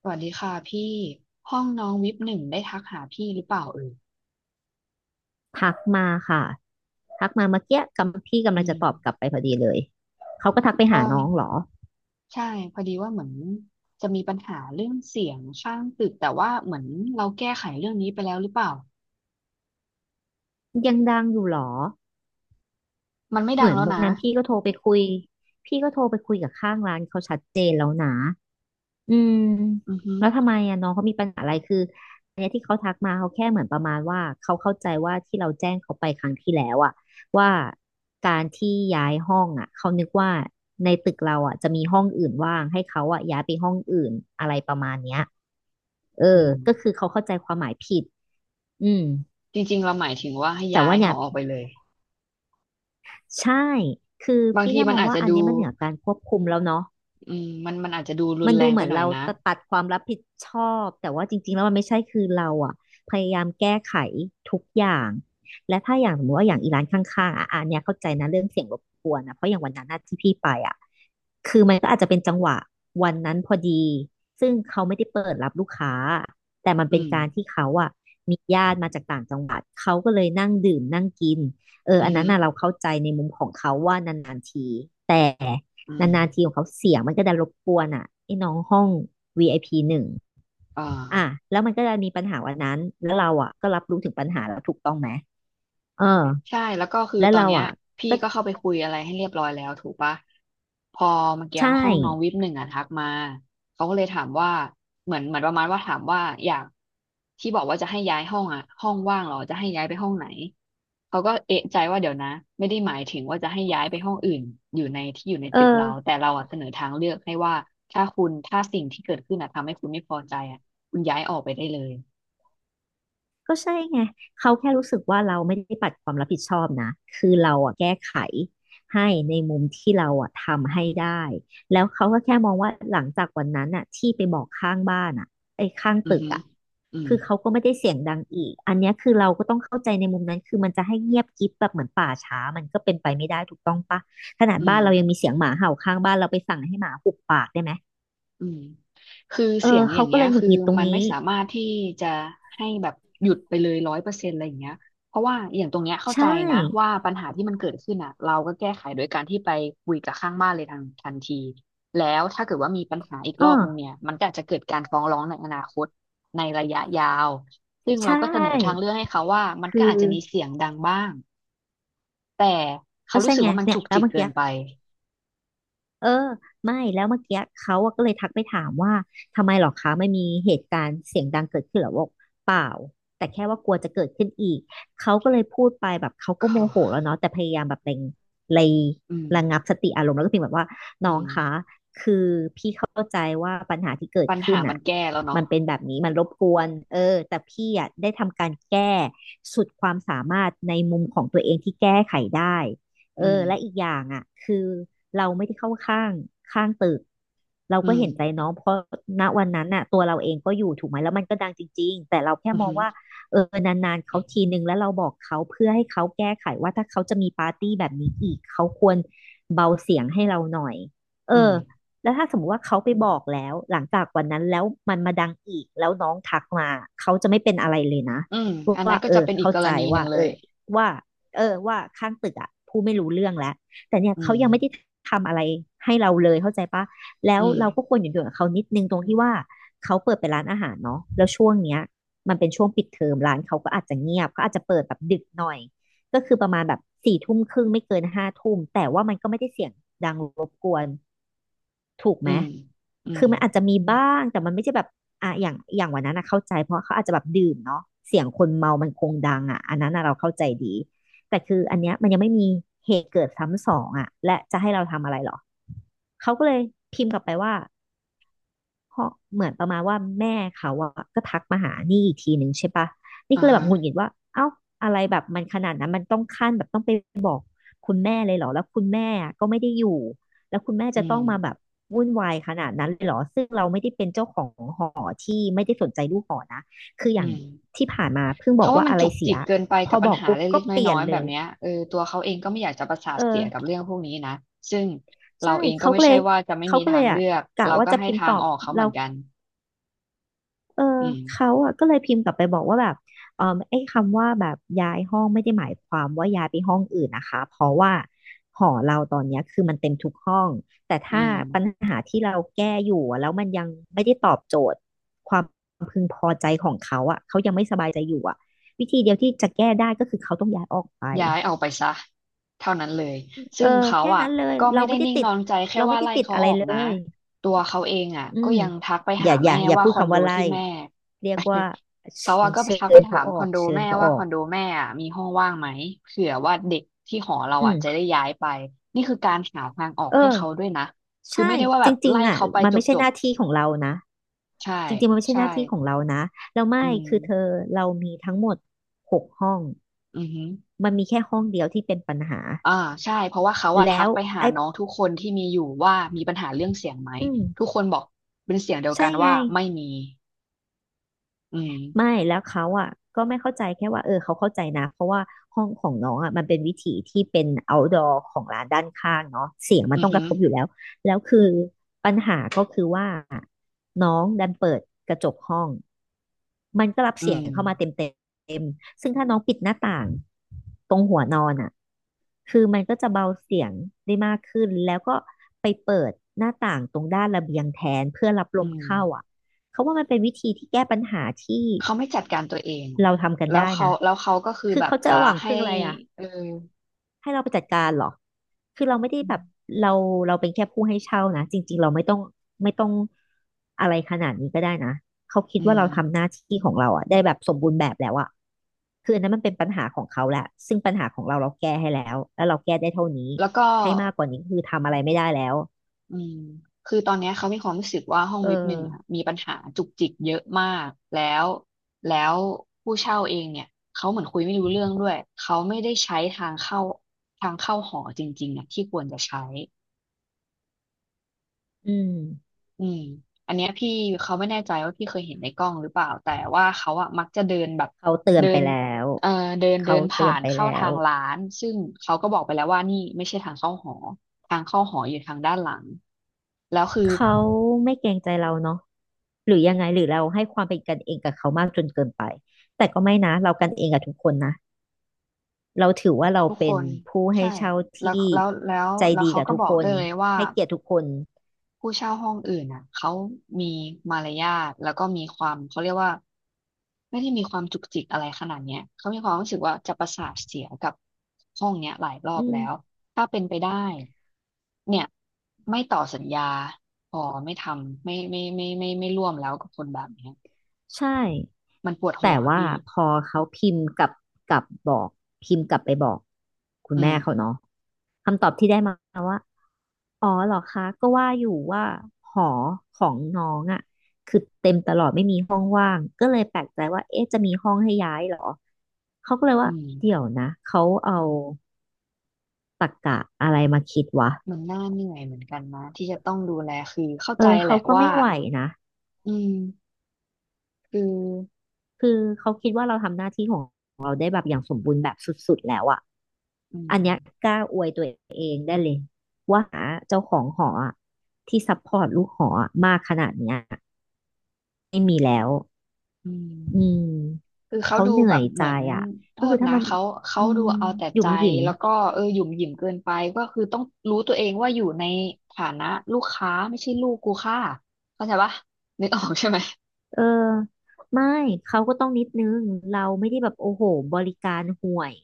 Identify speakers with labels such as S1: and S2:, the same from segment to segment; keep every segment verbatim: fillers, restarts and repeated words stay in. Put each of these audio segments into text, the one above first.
S1: สวัสดีค่ะพี่ห้องน้องวิปหนึ่งได้ทักหาพี่หรือเปล่าเอ่ย
S2: ทักมาค่ะทักมาเมื่อกี้กำพี่กำลั
S1: อื
S2: งจะ
S1: ม
S2: ตอบกลับไปพอดีเลยเขาก็ทักไป
S1: ก็
S2: หาน้องเหรอ
S1: ใช่พอดีว่าเหมือนจะมีปัญหาเรื่องเสียงข้างตึกแต่ว่าเหมือนเราแก้ไขเรื่องนี้ไปแล้วหรือเปล่า
S2: ยังดังอยู่เหรอ
S1: มันไม่
S2: เห
S1: ดั
S2: มื
S1: ง
S2: อน
S1: แล้ว
S2: วัน
S1: นะ
S2: นั้นพี่ก็โทรไปคุยพี่ก็โทรไปคุยกับข้างร้านเขาชัดเจนแล้วนะ อืม
S1: อือฮึ
S2: แล้วทำไมอ่ะน้องเขามีปัญหาอะไรคืออันเนี้ยที่เขาทักมาเขาแค่เหมือนประมาณว่าเขาเข้าใจว่าที่เราแจ้งเขาไปครั้งที่แล้วอ่ะว่าการที่ย้ายห้องอ่ะเขานึกว่าในตึกเราอ่ะจะมีห้องอื่นว่างให้เขาอ่ะย้ายไปห้องอื่นอะไรประมาณเนี้ยเออ
S1: อื
S2: ก็
S1: ม
S2: คือเขาเข้าใจความหมายผิดอืม
S1: จริงๆเราหมายถึงว่าให้
S2: แต่
S1: ย้า
S2: ว่า
S1: ยห
S2: เนี่
S1: อ
S2: ย
S1: ออกไปเลย
S2: ใช่คือ
S1: บาง
S2: พี่
S1: ที
S2: แค่
S1: มั
S2: ม
S1: น
S2: อง
S1: อาจ
S2: ว่า
S1: จะ
S2: อัน
S1: ดู
S2: เนี้ยมันเหนือการควบคุมแล้วเนาะ
S1: อืมมันมันอาจจะดูรุน
S2: มัน
S1: แร
S2: ดู
S1: ง
S2: เห
S1: ไป
S2: มือน
S1: หน่อย
S2: เรา
S1: นะ
S2: ปัดัดความรับผิดชอบแต่ว่าจริงๆแล้วมันไม่ใช่คือเราอ่ะพยายามแก้ไขทุกอย่างและถ้าอย่างสมมติว่าอย่างอีร้านข้างๆอ่ะอันเนี้ยเข้าใจนะเรื่องเสียงรบกวนนะเพราะอย่างวันนั้นน่ะที่พี่ไปอ่ะคือมันก็อาจจะเป็นจังหวะวันนั้นพอดีซึ่งเขาไม่ได้เปิดรับลูกค้าแต่มัน
S1: อื
S2: เป็น
S1: ม
S2: การที่เขาอ่ะมีญาติมาจากต่างจังหวัดเขาก็เลยนั่งดื่มนั่งกินเออ
S1: อือ
S2: อัน
S1: ฮึ
S2: นั้นน่ะเราเข้าใจในมุมของเขาว่านานๆทีแต่
S1: อืม
S2: นานๆทีของเขาเสียงมันก็จะรบกวนอ่ะไอ้น้องห้อง วี ไอ พี หนึ่ง
S1: อ่
S2: อ่ะ
S1: า
S2: แล้วมันก็จะมีปัญหาวันนั้นแล้วเราอ่ะก็รับรู้ถึงปัญหาแล้วถูกต้องไหมเออ
S1: ใช่แล้วก็คือ
S2: แล้ว
S1: ตอน
S2: เรา
S1: เนี้ย
S2: อ่ะ
S1: พี่
S2: ก็
S1: ก็เข้าไปคุยอะไรให้เรียบร้อยแล้วถูกปะพอเมื่อกี้
S2: ใช่
S1: ห้องน้องวิปหนึ่งอะทักมาเขาก็เลยถามว่าเหมือนเหมือนประมาณว่าถามว่าอยากที่บอกว่าจะให้ย้ายห้องอะห้องว่างเหรอจะให้ย้ายไปห้องไหนเขาก็เอะใจว่าเดี๋ยวนะไม่ได้หมายถึงว่าจะให้ย้ายไปห้องอื่นอยู่ในที่อยู่ใน
S2: เออ
S1: ตึกเราแต่เราอะเสนอทางเลือกให้ว่าถ้าคุณถ้าสิ่งที่เกิดขึ้นอะทำให้คุณไม่พอใจอะคุณย้ายออกไปได้เลย
S2: ก็ใช่ไงเขาแค่รู้สึกว่าเราไม่ได้ปัดความรับผิดชอบนะคือเราอ่ะแก้ไขให้ในมุมที่เราอ่ะทำให้ได้แล้วเขาก็แค่มองว่าหลังจากวันนั้นอ่ะที่ไปบอกข้างบ้านอ่ะไอ้ยข้าง
S1: อือ
S2: ตึก
S1: ฮึ
S2: อ่ะ
S1: อืม
S2: คือเขาก็ไม่ได้เสียงดังอีกอันเนี้ยคือเราก็ต้องเข้าใจในมุมนั้นคือมันจะให้เงียบกริบแบบเหมือนป่าช้ามันก็เป็นไปไม่ได้ถูกต้องปะขนาด
S1: อื
S2: บ้า
S1: ม
S2: นเรายังมีเสียงหมาเห่าข้างบ้านเราไปสั่งให้หมาหุบปากได้ไหม
S1: อืมคือ
S2: เอ
S1: เสีย
S2: อ
S1: งอ
S2: เขา
S1: ย่าง
S2: ก็
S1: เงี้
S2: เล
S1: ย
S2: ยหงุด
S1: คือ
S2: หงิดตรง
S1: มันไม่
S2: นี้
S1: สามารถที่จะให้แบบหยุดไปเลยร้อยเปอร์เซ็นต์อะไรอย่างเงี้ยเพราะว่าอย่างตรงเนี้ยเข้าใจ
S2: ใช่
S1: นะว่าปัญหาที่มันเกิดขึ้นอ่ะเราก็แก้ไขโดยการที่ไปคุยกับข้างบ้านเลยทันทันทีแล้วถ้าเกิดว่ามีปัญหาอีกร
S2: อ๋
S1: อ
S2: อ
S1: บนึงเนี่ยมันก็อาจจะเกิดการฟ้องร้องในอนาคตในระยะยาวซึ่ง
S2: ใช
S1: เราก็เสนอทาง
S2: ่
S1: เลือกให้เขาว่ามันก็
S2: คื
S1: อา
S2: อ
S1: จจะมีเสียงดังบ้างแต่เขา
S2: ก็
S1: รู้
S2: ใช่
S1: สึก
S2: ไง
S1: ว่ามัน
S2: เนี่ย
S1: จุก
S2: แล้ว
S1: จิก
S2: เมื่อ
S1: เกิ
S2: กี้
S1: นไป
S2: เออไม่แล้วเมื่อกี้เขาอะก็เลยทักไปถามว่าทำไมหรอคะไม่มีเหตุการณ์เสียงดังเกิดขึ้นเหรอบอกเปล่าแต่แค่ว่ากลัวจะเกิดขึ้นอีกเขาก็เลยพูดไปแบบเขา ก็
S1: ก็
S2: โมโหแล้วเนาะแต่พยายามแบบเร่งเระ
S1: อืม
S2: ระงับสติอารมณ์แล้วก็พิมพ์แบบว่าน้อ
S1: อื
S2: ง
S1: ม
S2: คะคือพี่เข้าใจว่าปัญหาที่เกิด
S1: ปัญ
S2: ขึ้
S1: หา
S2: น
S1: มั
S2: อ่ะ
S1: นแก้แล้วเนาะ
S2: มันเป็นแบบนี้มันรบกวนเออแต่พี่อ่ะได้ทำการแก้สุดความสามารถในมุมของตัวเองที่แก้ไขได้ เอ
S1: อื
S2: อ
S1: ม
S2: และอีกอย่างอ่ะคือเราไม่ได้เข้าข้างข้างตึกเรา
S1: อื
S2: ก็
S1: ม
S2: เห็นใจน้องเพราะณวันนั้นน่ะตัวเราเองก็อยู่ถูกไหมแล้วมันก็ดังจริงๆแต่เราแค่
S1: อืมอ
S2: มอ
S1: หื
S2: ง
S1: อ
S2: ว่าเออนานๆเขาทีนึงแล้วเราบอกเขาเพื่อให้เขาแก้ไขว่าถ้าเขาจะมีปาร์ตี้แบบนี้อีกเขาควรเบาเสียงให้เราหน่อยเอ
S1: อืม
S2: อแล้วถ้าสมมติว่าเขาไปบอกแล้วหลังจากวันนั้นแล้วมันมาดังอีกแล้วน้องทักมาเขาจะไม่เป็นอะไรเลยนะ
S1: อืมอันนั้
S2: ว่า
S1: นก็
S2: เอ
S1: จะ
S2: อ
S1: เป็นอีก
S2: เข้า
S1: กร
S2: ใจ
S1: ณีหนึ่
S2: ว่า
S1: งเล
S2: เอ
S1: ย
S2: อว่า เออว่าข้างตึกอ่ะผู้ไม่รู้เรื่องแล้วแต่เนี่ย
S1: อื
S2: เขา
S1: ม
S2: ยังไม่ได้ทำอะไรให้เราเลยเข้าใจปะแล้ว
S1: อืม
S2: เราก็ควรหยุดหย่อกับเขานิดนึงตรงที่ว่าเขาเปิดเป็นร้านอาหารเนาะแล้วช่วงเนี้ยมันเป็นช่วงปิดเทอมร้านเขาก็อาจจะเงียบเขาอาจจะเปิดแบบดึกหน่อยก็คือประมาณแบบสี่ทุ่มครึ่งไม่เกินห้าทุ่มแต่ว่ามันก็ไม่ได้เสียงดังรบกวน ถูกไห
S1: อื
S2: ม
S1: มอืม
S2: คือมันอาจจะมีบ้าง แต่มันไม่ใช่แบบอ่ะอย่างอย่างวันนั้นนะเข้าใจ เพราะเขาอาจจะแบบดื่มเนาะเสียงคนเมามันคงดังอ่ะอันนั้นนะเราเข้าใจดี แต่คืออันเนี้ยมันยังไม่มีเหตุเกิดซ้ำสองอ่ะและจะให้เราทำอะไรหรอ เขาก็เลยพิมพ์กลับไปว่า เพราะเหมือนประมาณว่าแม่เขาอะก็ทักมาหานี่อีกทีหนึ่งใช่ปะนี่
S1: อ่า
S2: ก็เลยแบ
S1: ฮะ
S2: บหงุดหงิดว่าเอ้าอะไรแบบมันขนาดนั้นมันต้องขั้นแบบต้องไปบอกคุณแม่เลยเหรอแล้วคุณแม่อะก็ไม่ได้อยู่แล้วคุณแม่
S1: อื
S2: จะต้
S1: ม
S2: องมาแบบวุ่นวายขนาดนั้นเลยเหรอซึ่งเราไม่ได้เป็นเจ้าของหอที่ไม่ได้สนใจลูกหอนะคืออ
S1: อื
S2: ย่าง
S1: ม
S2: ที่ผ่านมาเพิ่งบอ
S1: เขา
S2: ก
S1: ว่า
S2: ว่า
S1: มัน
S2: อะไร
S1: จุก
S2: เสี
S1: จิ
S2: ย
S1: กเกินไป
S2: พ
S1: กั
S2: อ
S1: บปั
S2: บ
S1: ญ
S2: อก
S1: หา
S2: ปุ๊บก็
S1: เล็กๆ
S2: เปลี่
S1: น้
S2: ย
S1: อ
S2: น
S1: ยๆ
S2: เล
S1: แบบ
S2: ย
S1: เนี้ยเออตัวเขาเองก็ไม่อยากจะประสา
S2: เอ
S1: ทเสียกับ
S2: อ
S1: เรื่องพวกนี้นะ ซึ่ง
S2: ใช่
S1: เราเองก็
S2: เขา
S1: ไม่
S2: ก็เล
S1: ใช่
S2: ย
S1: ว่าจะไม่
S2: เขา
S1: มี
S2: ก็เล
S1: ทาง
S2: ยอ่ะ
S1: เลือก
S2: กะ
S1: เรา
S2: ว่า
S1: ก็
S2: จะ
S1: ให้
S2: พิมพ์
S1: ทา
S2: ต
S1: ง
S2: อบ
S1: ออกเขาเห
S2: เรา
S1: มือนกัน
S2: เออ
S1: อืม
S2: เขาอะก็เลยพิมพ์กลับไปบอกว่าแบบเออไอ้คำว่าแบบย้ายห้องไม่ได้หมายความว่าย้ายไปห้องอื่นนะคะเพราะว่าหอเราตอนเนี้ยคือมันเต็มทุกห้องแต่
S1: อื
S2: ถ้า
S1: ม
S2: ปัญหาที่เราแก้อยู่อะแล้วมันยังไม่ได้ตอบโจทย์ความพึงพอใจของเขาอะเขายังไม่สบายใจอยู่อะวิธีเดียวที่จะแก้ได้ก็คือเขาต้องย้ายออกไป
S1: ย้ายออกไปซะเท่านั้นเลย
S2: เอ
S1: ซึ่
S2: อ
S1: งเขา
S2: แค่
S1: อ่ะ
S2: นั้นเลย
S1: ก็
S2: เรา
S1: ไม่ได้
S2: ไม่ได้
S1: นิ่ง
S2: ติ
S1: น
S2: ด
S1: อนใจแค่
S2: เราไม่
S1: ว่า
S2: ได้
S1: ไล่
S2: ติด
S1: เขา
S2: อะไร
S1: ออก
S2: เล
S1: นะ
S2: ย
S1: ตัวเขาเองอ่ะ
S2: อื
S1: ก็
S2: ม
S1: ยังทักไป
S2: อ
S1: หา
S2: ย่าอ
S1: แม่
S2: ย่าอย่า
S1: ว่า
S2: พู
S1: ค
S2: ด
S1: อน
S2: คำ
S1: โด
S2: ว่าไล่
S1: ที่แม่
S2: เรียกว่า
S1: เขาอ่ะก็ไป
S2: เชิ
S1: ทักไป
S2: ญ
S1: ถา
S2: เขา
S1: ม
S2: อ
S1: ค
S2: อ
S1: อน
S2: ก
S1: โด
S2: เชิญ
S1: แม่
S2: เขาอ
S1: ว่าค
S2: อ
S1: อ
S2: ก
S1: นโดแม่อ่ะมีห้องว่างไหมเผื่อว่าเด็กที่หอเรา
S2: อื
S1: อ่ะ
S2: ม
S1: จะได้ย้ายไปนี่คือการหาทางออก
S2: เอ
S1: ให้เขา
S2: อ
S1: ด้วยนะคือ
S2: ใช่
S1: ไม่ได้ว่า
S2: จ
S1: แบ
S2: ร
S1: บ
S2: ิง
S1: ไล่
S2: ๆอ่ะ
S1: เขาไป
S2: มันไม่ใช่
S1: จ
S2: ห
S1: บ
S2: น้าที่ของเรานะ
S1: ๆใช่
S2: จริงๆมันไม่ใช่หน้า
S1: ใช่
S2: ที่ของเรานะแล้วไม่
S1: อืม
S2: คือเธอเรามีทั้งหมดหกห้อง
S1: อือฮึ
S2: มันมีแค่ห้องเดียวที่เป็นปัญหา
S1: อ่าใช่เพราะว่าเขาอะ
S2: แล้
S1: ทัก
S2: ว
S1: ไปหา
S2: ไอ้
S1: น้องทุกคนที่มีอยู่ว่ามีปัญหาเรื่องเสียงไหม
S2: อืม
S1: ทุกคนบอกเป็นเสียงเดียวกั
S2: ใช่
S1: น
S2: ไง
S1: ว่าไม่มีอืม
S2: ไม่แล้วเขาอ่ะก็ไม่เข้าใจแค่ว่าเออเขาเข้าใจนะเพราะว่าห้องของน้องอ่ะมันเป็นวิถีที่เป็น outdoor ของร้านด้านข้างเนาะเสียงมัน
S1: อื
S2: ต้
S1: อ
S2: องก
S1: หื
S2: ระ
S1: อ
S2: ทบอยู่แล้วแล้วคือปัญหาก็คือว่า น้องดันเปิดกระจกห้องมันก็รับ
S1: อื
S2: เสียง
S1: ม
S2: เข้ามาเต็มเต็มซึ่งถ้าน้องปิดหน้าต่างตรงหัวนอนอ่ะคือมันก็จะเบาเสียงได้มากขึ้นแล้วก็ไปเปิดหน้าต่างตรงด้านระเบียงแทนเพื่อรับล
S1: อื
S2: ม
S1: ม
S2: เข้าอ่ะเขาว่ามันเป็นวิธีที่แก้ปัญหาที่
S1: เขาไม่จัดการตัวเอง
S2: เราทำกัน
S1: แล้ว
S2: ได้
S1: เขา
S2: นะ
S1: แล้วเขาก็คือ
S2: คือ
S1: แบบ
S2: เขาจะ
S1: จะ
S2: หวัง
S1: ให้
S2: พึ่งอะไรอ่ะ
S1: เออ
S2: ให้เราไปจัดการเหรอคือเราไม่ได้แบบเราเราเป็นแค่ผู้ให้เช่านะ จริงๆเราไม่ต้องไม่ต้องอะไรขนาดนี้ก็ได้นะเขาคิด
S1: อื
S2: ว่าเราทำหน้า
S1: ม
S2: ที่ของเราอะได้แบบสมบูรณ์แบบแล้วอะคืออันนั้นมันเป็นปัญหาของเขาแหละซึ่งปัญหาของเราเราแก้ให้แล้วแล้วเราแก้ได้เท่านี้
S1: แล้วก็
S2: ให้มากกว่านี้คือทำอะไรไม่ได้แล้ว
S1: อืมคือตอนเนี้ยเขามีความรู้สึกว่าห้อง
S2: เออ
S1: วิปหนึ่งอะมีปัญหาจุกจิกเยอะมากแล้วแล้วผู้เช่าเองเนี่ยเขาเหมือนคุยไม่รู้เรื่องด้วยเขาไม่ได้ใช้ทางเข้าทางเข้าหอจริงๆอะที่ควรจะใช้
S2: อืม
S1: อืมอันเนี้ยพี่เขาไม่แน่ใจว่าพี่เคยเห็นในกล้องหรือเปล่า แต่ว่าเขาอะมักจะเดินแบบ
S2: เขาเตือน
S1: เดิ
S2: ไป
S1: น
S2: แล้ว
S1: เอ่อเดินเดิ
S2: เขา
S1: น
S2: เตื
S1: ผ่า
S2: อน
S1: น
S2: ไป
S1: เข้า
S2: แล้
S1: ทา
S2: ว
S1: งร้านซึ่งเขาก็บอกไปแล้วว่านี่ไม่ใช่ทางเข้าหอทางเข้าหออยู่ทางด้านหลังแล้วคือ
S2: เขาไม่เกรงใจเราเนาะหรือยังไงหรือเราให้ความเป็นกันเองกับเขามากจนเกินไปแต่ก็ไม่นะเรากันเองกับทุกคนนะเราถือว่าเรา
S1: ทุกค
S2: เป็น
S1: น
S2: ผู้ให้
S1: ใช่
S2: เช่า
S1: แล้ว
S2: ที่
S1: แล้วแล้ว
S2: ใจ
S1: แล้ว
S2: ดี
S1: เขา
S2: กับ
S1: ก็
S2: ทุก
S1: บอ
S2: ค
S1: กด้
S2: น
S1: วยเลยว่า
S2: ให้เกียรติทุกคน
S1: ผู้เช่าห้องอื่นอ่ะเขามีมารยาทแล้วก็มีความเขาเรียกว่าไม่ได้มีความจุกจิกอะไรขนาดเนี้ยเขามีความรู้สึกว่าจะประสาทเสียกับห้องเนี้ยหลายรอ
S2: อื
S1: บ
S2: ม
S1: แล้วถ้าเป็นไปได้เนี่ยไม่ต่อสัญญาพอไม่ทำไม่ไม่ไม่ไม่ไม่ไม่ร่วมแล้วกับคนแบบเนี้ย
S2: ใช่
S1: มันปวดหั
S2: แต่
S1: ว
S2: ว่า
S1: พี่
S2: พอเขาพิมพ์กลับกลับบอกพิมพ์กลับไปบอกคุณ
S1: อื
S2: แม่
S1: ม
S2: เขาเนาะคำตอบที่ได้มาว่าอ๋อเหรอคะก็ว่าอยู่ว่าหอของน้องอ่ะคือเต็มตลอดไม่มีห้องว่างก็เลยแปลกใจว่าเอ๊ะจะมีห้องให้ย้ายเหรอเขาก็เลย
S1: อื
S2: ว่า
S1: ม
S2: เดี๋ยวนะเขาเอาตรรกะอะไรมาคิดวะ
S1: มันน่าเหนื่อยเหมือนกันนะที่จะต้องดูแลคือเข้า
S2: เอ
S1: ใจ
S2: อ
S1: แห
S2: เขา
S1: ละ
S2: ก็
S1: ว่า
S2: ไม่ไหวนะ
S1: อืมคือ
S2: คือเขาคิดว่าเราทำหน้าที่ของเราได้แบบอย่างสมบูรณ์แบบสุดๆแล้วอ่ะ
S1: อื
S2: อัน
S1: ม
S2: เนี้ยกล้าอวยตัว ว่าหาเจ้าของหออะที่ซัพพอร์ตลูกหออะมากขนาดเนี้ยไม่มีแล้ว
S1: อืม
S2: อืม
S1: คือเขา
S2: เขา
S1: ดู
S2: เหนื่
S1: แบ
S2: อ
S1: บ
S2: ยใจ
S1: เหมือน
S2: อ่ะ
S1: โท
S2: ก็คื
S1: ษ
S2: อถ้า
S1: นะ
S2: มัน
S1: เขาเขา
S2: อื
S1: ดู
S2: ม
S1: เอาแต่
S2: หยุ่
S1: ใจ
S2: มหยิม
S1: แล้วก็เออหยุ่มหยิมเกินไปก็คือต้องรู้ตัวเองว่าอยู่ในฐานะลูกค้าไม่ใช่ลูกกูค่าเข้าใจปะนึกออกใช่ไหม
S2: เออไม่เขาก็ต้องนิดนึงเราไม่ได้แบบโอ้โหบริการห่วย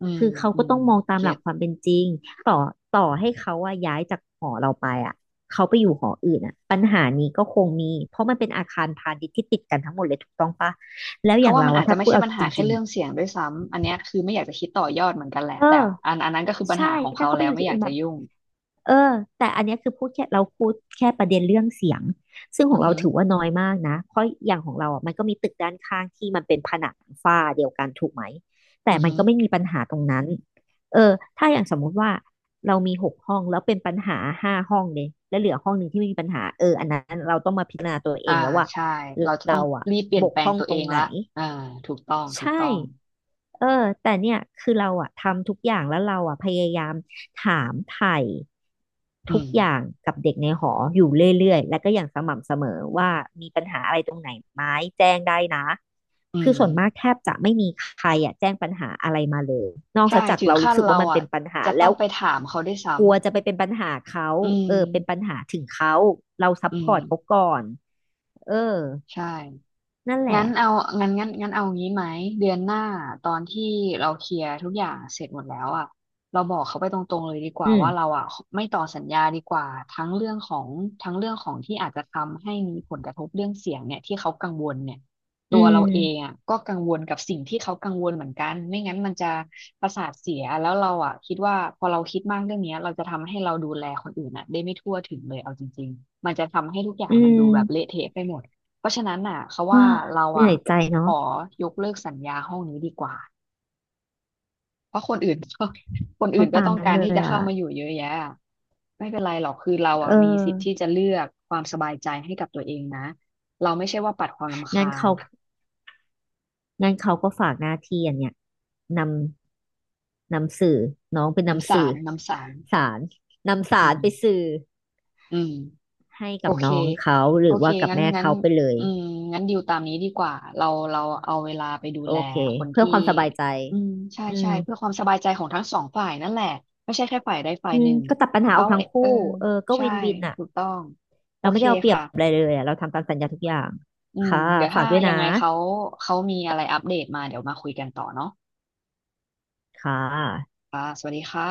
S1: อืม
S2: คือเขา
S1: อื
S2: ก็
S1: ม
S2: ต้องมองตามห
S1: เก็
S2: ลัก
S1: ต
S2: ความเป็นจริงต่อต่อให้เขาอะย้ายจากหอเราไปอะเขาไปอยู่หออื่นอะปัญหานี้ก็คงมีเพราะมันเป็นอาคารพาณิชย์ที่ติดกันทั้งหมดเลยถูกต้องปะแล้วอ
S1: เขา
S2: ย่าง
S1: ว่า
S2: เรา
S1: มัน
S2: อะ
S1: อาจจะ
S2: ถ้า
S1: ไม่
S2: พูด
S1: ใช่
S2: เอา
S1: ปัญ
S2: จ
S1: หาแค่
S2: ริงๆ
S1: เรื่
S2: อะ
S1: องเสียงด้วยซ้ำอันเนี้ยคือไม่อยากจะคิดต่อยอดเหมือนกันแหละ
S2: เออ
S1: แต่อันอันนั้นก็คือปัญ
S2: ใช่
S1: หาของ
S2: ถ้า
S1: เขา
S2: เขาไป
S1: แล้
S2: อ
S1: ว
S2: ยู่
S1: ไม่
S2: ที่
S1: อ
S2: อื่
S1: ยาก
S2: นแบ
S1: จะ
S2: บ
S1: ยุ่ง
S2: เออแต่อันเนี้ยคือพูดแค่เราพูดแค่ประเด็นเรื่องเสียงซึ่งข
S1: อื
S2: อง
S1: อ
S2: เรา
S1: ฮึ
S2: ถือว่าน้อยมากนะเพราะอย่างของเราอ่ะมันก็มีตึกด้านข้างที่มันเป็นผนังฝ้าเดียวกันถูกไหมแต่
S1: อือ
S2: มัน
S1: ฮึ
S2: ก็ไม่มีปัญหาตรงนั้นเออถ้าอย่างสมมุติว่าเรามีหกห้องแล้วเป็นปัญหาห้าห้องเลยแล้วเหลือห้องหนึ่งที่ไม่มีปัญหาเอออันนั้นเราต้องมาพิจารณาตัวเอ
S1: อ่า
S2: งแล้วว่า
S1: ใช่เราจะต้อ
S2: เรา
S1: ง
S2: อ่ะ
S1: รีบเปลี่
S2: บ
S1: ยน
S2: ก
S1: แปล
S2: พร่
S1: ง
S2: อง
S1: ตัว
S2: ต
S1: เอ
S2: รง
S1: ง
S2: ไหน
S1: ละอ่าถูกต้องถูก
S2: ใช่
S1: ต้อง
S2: เออแต่เนี่ยคือเราอะทำทุกอย่างแล้วเราอะพยายามถามไถ่
S1: อื
S2: ทุก
S1: ม
S2: อย่างกับเด็กในหออยู่เรื่อยๆและก็อย่างสม่ำเสมอว่ามีปัญหาอะไรตรงไหนไหมแจ้งได้นะ
S1: อื
S2: คื
S1: ม
S2: อส่วนมากแทบจะไม่มีใครอะแจ้งปัญหาอะไรมาเลยนอก
S1: ใช่
S2: จาก
S1: ถึง
S2: เรารู้
S1: ขั้น
S2: สึกว่า
S1: เรา
S2: มันเป็
S1: อ่ะ
S2: นปัญหา
S1: จะต้
S2: แล้
S1: อ
S2: ว
S1: งไปถามเขาได้วยซ้
S2: กลัวจะไปเป็นปัญหาเขา
S1: ำอืม
S2: เออเป็นปัญหาถึงเขาเราซัพ
S1: อื
S2: พ
S1: ม
S2: อร์ตเขาก่อนเออ
S1: ใช่
S2: นั่นแหละ
S1: งั้นเอางั้นงั้นงั้นเอางี้ไหมเดือนหน้าตอนที่เราเคลียร์ทุกอย่างเสร็จหมดแล้วอ่ะเราบอกเขาไปตรงๆเลยดีก
S2: อื
S1: ว่า
S2: ม
S1: ว่าเราอ่ะไม่ต่อสัญญาดีกว่าทั้งเรื่องของทั้งเรื่องของที่อาจจะทำให้มีผลกระทบเรื่องเสียงเนี่ยที่เขากังวลเนี่ย
S2: อื
S1: ตัวเราเอง
S2: ม
S1: อ่ะก็กังวลกับสิ่งที่เขากังวลเหมือนกันไม่งั้นมันจะประสาทเสียแล้วเราอ่ะคิดว่าพอเราคิดมากเรื่องเนี้ยเราจะทำให้เราดูแลคนอื่นอ่ะได้ไม่ทั่วถึงเลยเอาจริงๆมันจะทำให้ทุกอย่าง
S2: อื
S1: มันดู
S2: ม
S1: แบบเละเทะไปหมด เพราะฉะนั้นน่ะเขา
S2: เฮ้อ
S1: ว่าเรา
S2: เหนื่
S1: อ่ะ
S2: อยใจ
S1: ข
S2: เนาะ
S1: อยกเลิกสัญญาห้องนี้ดีกว่าเพราะคนอื่นก็ คนอื่
S2: ก็
S1: นก็
S2: ตาม
S1: ต้อง
S2: นั้น
S1: การ
S2: เล
S1: ที่
S2: ย
S1: จะเข้า
S2: อ่ะ
S1: มาอยู่เยอะแยะอะไม่เป็นไรหรอกคือเรา
S2: เอ
S1: อ่ะ
S2: อ
S1: มีสิทธิ์ที่จะเลือกความสบายใจให้กับตัวเองนะเราไม่ใช่ว่าปัดความรำ
S2: งั้น
S1: คาญ
S2: เขางั้นเขาก็ฝากหน้าที่อันเนี้ยนำนำสื่อน้องเป็น
S1: น้ำ
S2: นำ
S1: สา
S2: สื่อ
S1: รน้ำสาร
S2: สารนำ
S1: อื
S2: สาร
S1: ม
S2: ไปสื่อ
S1: อืม
S2: ให้
S1: โอ
S2: กับ
S1: เค
S2: น้องเขาห
S1: โอ
S2: รือ
S1: เค
S2: ว่ากับ
S1: งั้น
S2: แม่
S1: งั้น
S2: เขาไปเลย
S1: อืมงั้นดิวตามนี้ดีกว่า เราเราเอาเวลาไปดู
S2: โอ
S1: แล
S2: เค
S1: คน
S2: เพื่อ
S1: ที่
S2: ความสบายใจ
S1: อืมใช่
S2: อื
S1: ใช่
S2: ม
S1: เพื่อความสบายใจของทั้งสองฝ่ายนั่นแหละไม่ใช่แค่ฝ่ายใดฝ่าย
S2: อื
S1: ห
S2: ม
S1: นึ่ง
S2: ก็ตัดปัญหาอ
S1: เขา
S2: อกทั้
S1: เอ
S2: งคู่
S1: เออ
S2: เออก็
S1: ใช่
S2: วินวินอ่ะ
S1: ถูกต้องโอ
S2: เราไม่
S1: เค
S2: ได้เอาเปรียบ
S1: ค่ะ
S2: อะไรเลยอะเราทำตามสัญญาทุกอย่าง
S1: อืม
S2: ค่ะ
S1: เดี๋ยว
S2: ฝา
S1: ถ้า
S2: กด้วย
S1: ยั
S2: นะ
S1: งไงเขาเขามีอะไรอัปเดตมาเดี๋ยวมาคุยกันต่อเนาะ
S2: ค่ะ
S1: ค่ะสวัสดีค่ะ